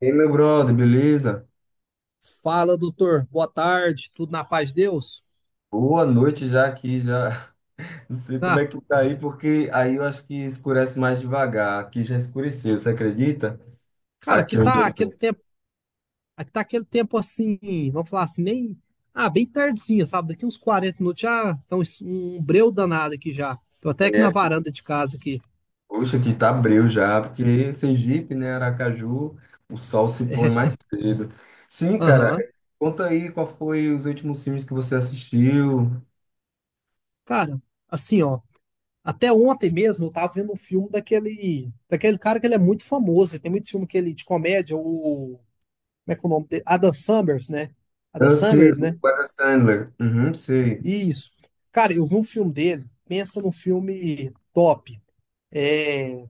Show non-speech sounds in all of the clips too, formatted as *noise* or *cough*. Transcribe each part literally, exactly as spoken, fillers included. Ei, meu brother, beleza? Fala, doutor. Boa tarde. Tudo na paz de Deus? Boa noite já aqui, já. *laughs* Não sei como Ah, é que tá aí, porque aí eu acho que escurece mais devagar. Aqui já escureceu, você acredita? cara, aqui Aqui onde tá eu aquele tô. tempo, aqui tá aquele tempo assim, vamos falar assim, nem, ah, bem tardezinha, sabe? Daqui uns quarenta minutos já tá um, um breu danado aqui já. Tô até aqui na É, varanda de casa aqui. poxa, aqui tá breu já, porque Sergipe, né, Aracaju, o sol se põe É. mais cedo. Sim, cara, Aham. conta aí qual foi os últimos filmes que você assistiu. Cara, assim, ó, até ontem mesmo eu tava vendo um filme daquele, daquele cara que ele é muito famoso, ele tem muito filme que ele de comédia, o, como é que é o nome dele? Adam Summers, né? Adam Eu sei, Summers, né? o Adam Sandler. Uhum, sei. Isso. Cara, eu vi um filme dele, pensa num filme top. É,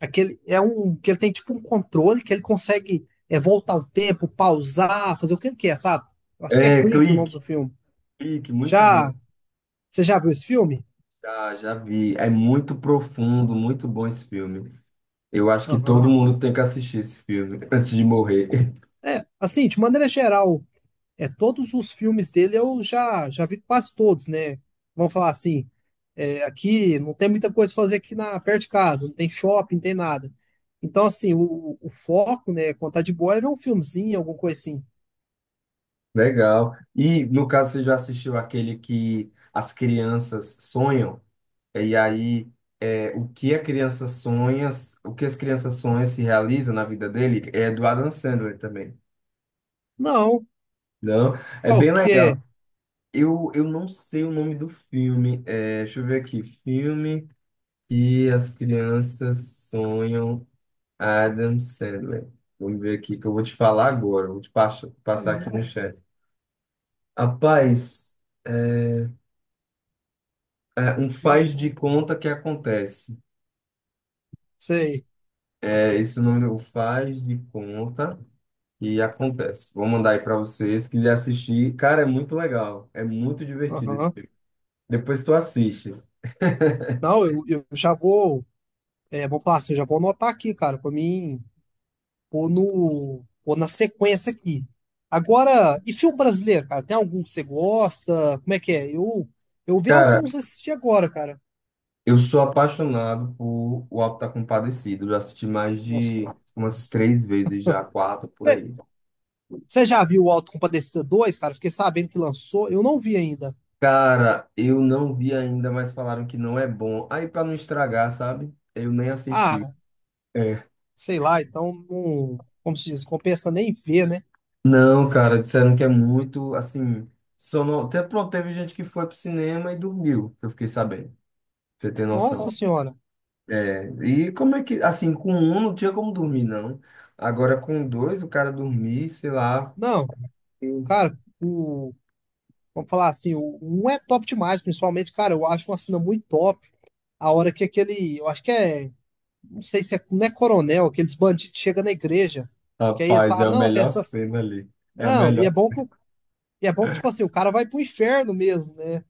aquele é um que ele tem tipo um controle que ele consegue é, voltar o tempo, pausar, fazer o que ele quer, sabe? Eu acho que é É, clique o nome do Clique, filme. Clique, muito bom. Já Você já viu esse filme? Já, já vi. É muito profundo, muito bom esse filme. Eu acho que Aham. todo mundo tem que assistir esse filme *laughs* antes de morrer. *laughs* É, assim, de maneira geral, é todos os filmes dele eu já já vi quase todos, né? Vamos falar assim, aqui, não tem muita coisa pra fazer aqui na perto de casa, não tem shopping, não tem nada. Então, assim, o, o foco, né, quando tá de boa, é ver um filmezinho, alguma coisa assim. Legal. E no caso, você já assistiu aquele que as crianças sonham? E aí, é, o que a criança sonha, o que as crianças sonham se realiza na vida dele? É do Adam Sandler também. Não, Não? É bem legal. qualquer. Eu, eu não sei o nome do filme. É, deixa eu ver aqui. Filme que as crianças sonham. Adam Sandler. Vamos ver aqui que eu vou te falar agora. Vou te pas- Cara, passar aqui não, no chat. Rapaz, é, é, um não faz de conta que acontece. sei. É esse o nome, o faz de conta que acontece. Vou mandar aí pra vocês que assistir. Cara, é muito legal. É muito divertido esse Aham. filme. Depois tu assiste. *laughs* Não, eu, eu já vou, é, vou falar assim, eu já vou anotar aqui, cara, pra mim pôr no, pôr na sequência aqui. Agora, e filme brasileiro, cara? Tem algum que você gosta? Como é que é? Eu, eu vi Cara, alguns assistir agora, cara. eu sou apaixonado por O Auto da Compadecida. Eu já assisti mais de Nossa. umas três vezes já, quatro por aí. Você já viu o Autocompadecida dois, cara? Fiquei sabendo que lançou, eu não vi ainda. Cara, eu não vi ainda, mas falaram que não é bom. Aí, pra não estragar, sabe? Eu nem assisti. Ah, É. sei lá, então, não, como se diz, compensa nem ver, né? Não, cara, disseram que é muito, assim, sono... Até, pronto, teve gente que foi pro cinema e dormiu, que eu fiquei sabendo, pra você ter Nossa noção. senhora. É, e como é que, assim, com um não tinha como dormir, não. Agora, com dois, o cara dormir, sei lá. Não, cara, o, vamos falar assim, o um é top demais, principalmente, cara, eu acho uma cena muito top. A hora que aquele, eu acho que é, não sei se é, não é coronel, aqueles bandidos chegam na igreja, que aí ele Rapaz, é fala, a não, tem melhor essa, cena ali. É a não, e melhor. é bom que, o- e é bom que, tipo assim, o cara vai pro inferno mesmo, né?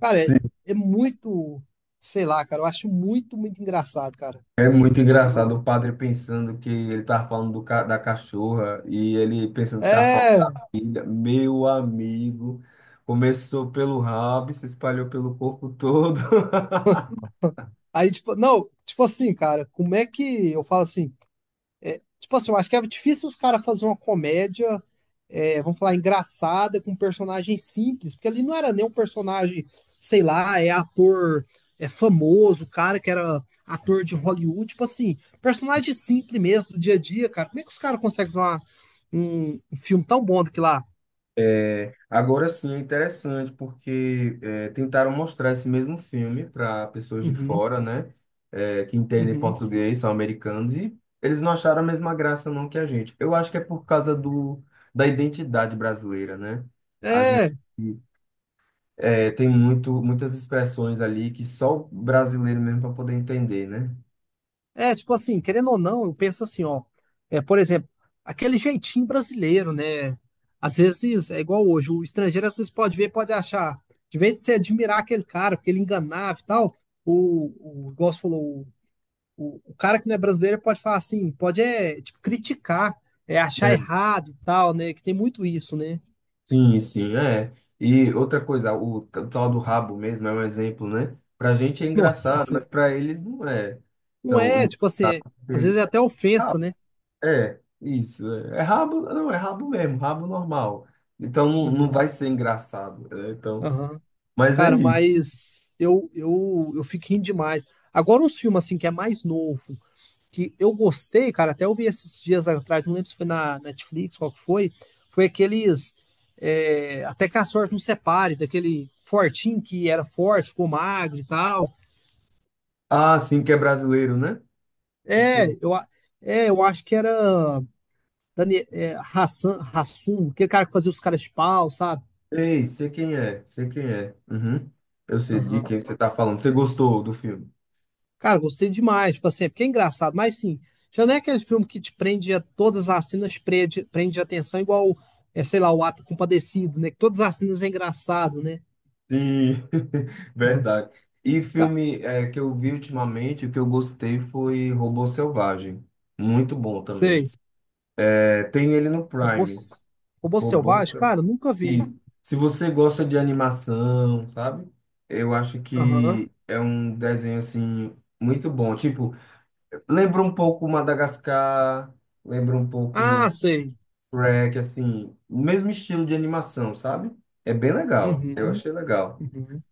Cara, é, é muito, sei lá, cara, eu acho muito, muito engraçado, cara. É muito engraçado o padre pensando que ele tava falando do ca- da cachorra e ele pensando que tava falando da É, filha. Meu amigo, começou pelo rabo e se espalhou pelo corpo todo. *laughs* aí, tipo, não, tipo assim, cara, como é que eu falo assim? Tipo assim, eu acho que é difícil os caras fazer uma comédia, é, vamos falar, engraçada, com um personagem simples, porque ali não era nem um personagem, sei lá, é ator, é famoso, cara que era ator de Hollywood, tipo assim, personagem simples mesmo, do dia a dia, cara. Como é que os caras conseguem fazer uma- um, um filme tão bom daquilo lá? Agora sim, é interessante porque é, tentaram mostrar esse mesmo filme para pessoas de Uhum, fora, né? É, que entendem uhum. português, são americanos, e eles não acharam a mesma graça não que a gente. Eu acho que é por causa do, da identidade brasileira, né? A gente É, é, tem muito, muitas expressões ali que só o brasileiro mesmo para poder entender, né? é, tipo assim, querendo ou não, eu penso assim, ó. É, por exemplo, aquele jeitinho brasileiro, né? Às vezes é igual hoje, o estrangeiro às vezes pode ver, pode achar. De vez de você admirar aquele cara, porque ele enganava e tal, o, o igual você falou, o, o cara que não é brasileiro pode falar assim, pode é, tipo, criticar, é achar É, errado e tal, né? Que tem muito isso, né? sim, sim, é. E outra coisa, o, t- o tal do rabo mesmo é um exemplo, né? Pra gente é *laughs* Nossa engraçado, mas Senhora. pra eles não é. Não Então, é, em- tipo assim, é- às vezes é até ofensa, rabo, né? é, isso. É, é rabo, não, é rabo mesmo, rabo normal. Então não, não Uhum. vai ser engraçado, né? Então, Aham. mas é Cara, isso. mas eu, eu, eu fico rindo demais. Agora, uns filmes assim que é mais novo, que eu gostei, cara, até eu vi esses dias atrás, não lembro se foi na Netflix, qual que foi, foi aqueles é, Até que a sorte nos separe, daquele fortinho que era forte, ficou magro e tal. Ah, sim, que é brasileiro, né? É, eu, a- é, eu acho que era Dani, é, Hassan, Hassum, aquele cara que fazia os caras de pau, sabe? Ei, sei quem é, sei quem é. Uhum. Eu sei de quem você tá falando. Você gostou do filme? Cara, gostei demais, tipo assim, é porque é engraçado, mas sim, já não é aquele filme que te prende a todas as cenas, prende, prende a atenção, igual, é, sei lá, o Ato Compadecido, né? Que todas as cenas é engraçado, né? Sim, *laughs* Aham. verdade. E Ca- filme é, que eu vi ultimamente, o que eu gostei foi Robô Selvagem. Muito bom também. Sei. É, tem ele no Robô, Prime. S- Robô Robô Selvagem? Selvagem. Cara, eu nunca vi. Isso. Se você gosta de animação, sabe? Eu acho Aham. que é um desenho assim muito bom. Tipo, lembra um pouco Madagascar, lembra um Ah, pouco sei. Shrek, assim, no mesmo estilo de animação, sabe? É bem legal. Eu Uhum, achei legal. uhum,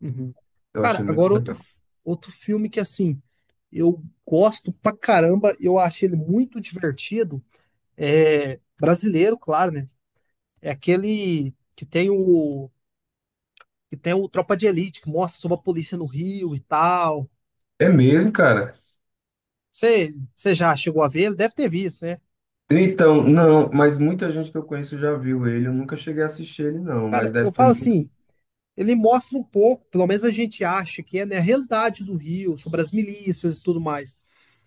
uhum. Eu Cara, achei muito agora outro, legal. f- outro filme que, assim, eu gosto pra caramba, eu achei ele muito divertido, é brasileiro, claro, né? É aquele que tem o que tem o Tropa de Elite, que mostra sobre a polícia no Rio e tal. É mesmo, cara? Você você já chegou a ver? Ele deve ter visto, né? Então, não, mas muita gente que eu conheço já viu ele. Eu nunca cheguei a assistir ele, não. Mas Cara, deve eu ser falo muito. assim, ele mostra um pouco, pelo menos a gente acha que é, né, a realidade do Rio, sobre as milícias e tudo mais.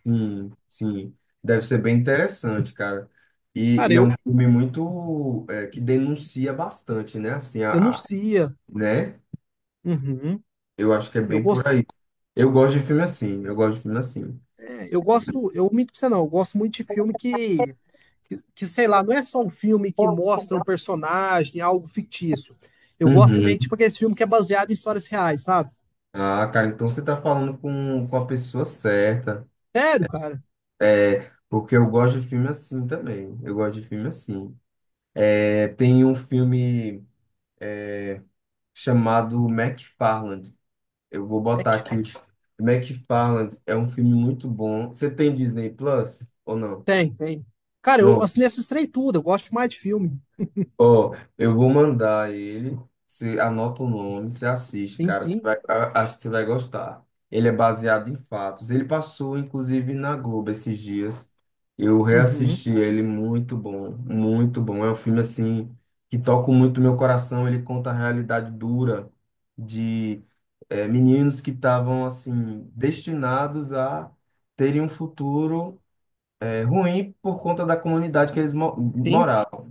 Sim, sim. Deve ser bem interessante, cara. E, Cara, e é um eu filme muito. É, que denuncia bastante, né? Assim, a, a- denuncia. né? Uhum. Eu acho que é Eu bem por gosto, aí. Eu gosto de filme assim. Eu gosto de filme assim. eu gosto, eu minto pra você não, eu gosto muito de filme que, que, que, sei lá, não é só um filme que mostra um personagem, algo fictício. Eu gosto Uhum. também, tipo, aquele filme que é baseado em histórias reais, sabe? Ah, cara, então você tá falando com, com a pessoa certa. Sério, cara? É, porque eu gosto de filme assim também. Eu gosto de filme assim. É, tem um filme é, chamado McFarland. Eu vou É botar que aqui. McFarland é um filme muito bom. Você tem Disney Plus ou não? tem, tem. Cara, eu assinei essas três tudo. Eu gosto mais de filme. Ó, eu vou mandar ele. Você anota o nome, você assiste, Sim, cara. Você sim. vai, a- acho que você vai gostar. Ele é baseado em fatos. Ele passou, inclusive, na Globo esses dias. Eu Uhum. reassisti ele, muito bom, muito bom. É um filme, assim, que toca muito meu coração. Ele conta a realidade dura de eh, meninos que estavam, assim, destinados a terem um futuro eh, ruim por conta da comunidade que eles mo Sim. moravam.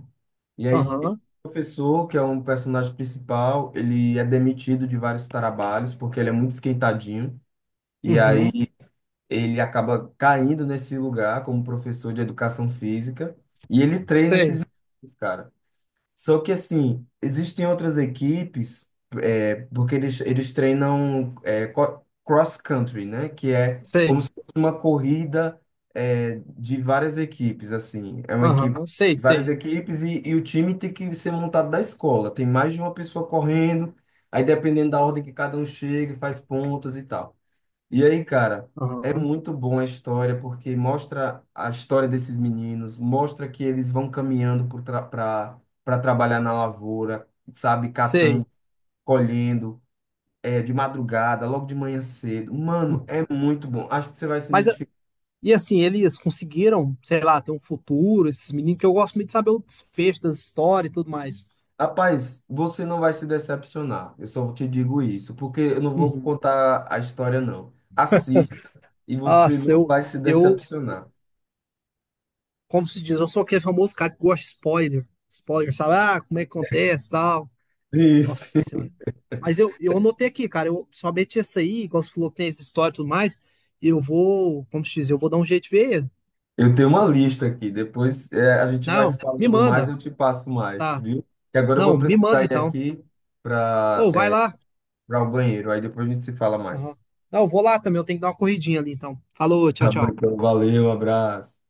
E aí, esse Aham. professor, que é um personagem principal, ele é demitido de vários trabalhos porque ele é muito esquentadinho. E aí Uhum. ele acaba caindo nesse lugar como professor de educação física. E ele treina esses Sei, meninos, cara. Só que assim, existem outras equipes, é, porque eles, eles treinam é, co- cross-country, né? Que é como sei. se fosse uma corrida é, de várias equipes, assim. É uma equipe Aham. Sei, várias sei. equipes e, e o time tem que ser montado da escola. Tem mais de uma pessoa correndo, aí dependendo da ordem que cada um chega, faz pontos e tal. E aí, cara, é Aham. muito bom a história porque mostra a história desses meninos, mostra que eles vão caminhando para trabalhar na lavoura, sabe, catando, Sei. colhendo, é, de madrugada, logo de manhã cedo. Mano, Hum. é muito bom. Acho que você vai se Mas, a- identificar. e assim, eles conseguiram, sei lá, ter um futuro, esses meninos, que eu gosto muito de saber o desfecho das histórias e tudo mais. Rapaz, você não vai se decepcionar. Eu só te digo isso, porque eu não vou Uhum. contar a história, não. Assista e Ah, você não eu, vai se eu, decepcionar. como se diz, eu sou aquele famoso cara que gosta de spoiler. Spoiler, sabe? Ah, como é que acontece, tal. Isso. Nossa senhora. Mas eu, eu anotei *laughs* aqui, cara. Eu somente essa aí, igual você falou que tem essa história e tudo mais. Eu vou, como se diz, eu vou dar um jeito de ver. Eu tenho uma lista aqui. Depois é, a gente vai se Não, me falando mais, manda. eu te passo mais, Tá. viu? Que agora eu vou Não, me precisar manda ir então. aqui para Ou vai lá. para o banheiro. Aí depois a gente se fala Aham. mais. Não, eu vou lá também. Eu tenho que dar uma corridinha ali então. Falou, tchau, Tá bom, tchau. então, valeu, abraço.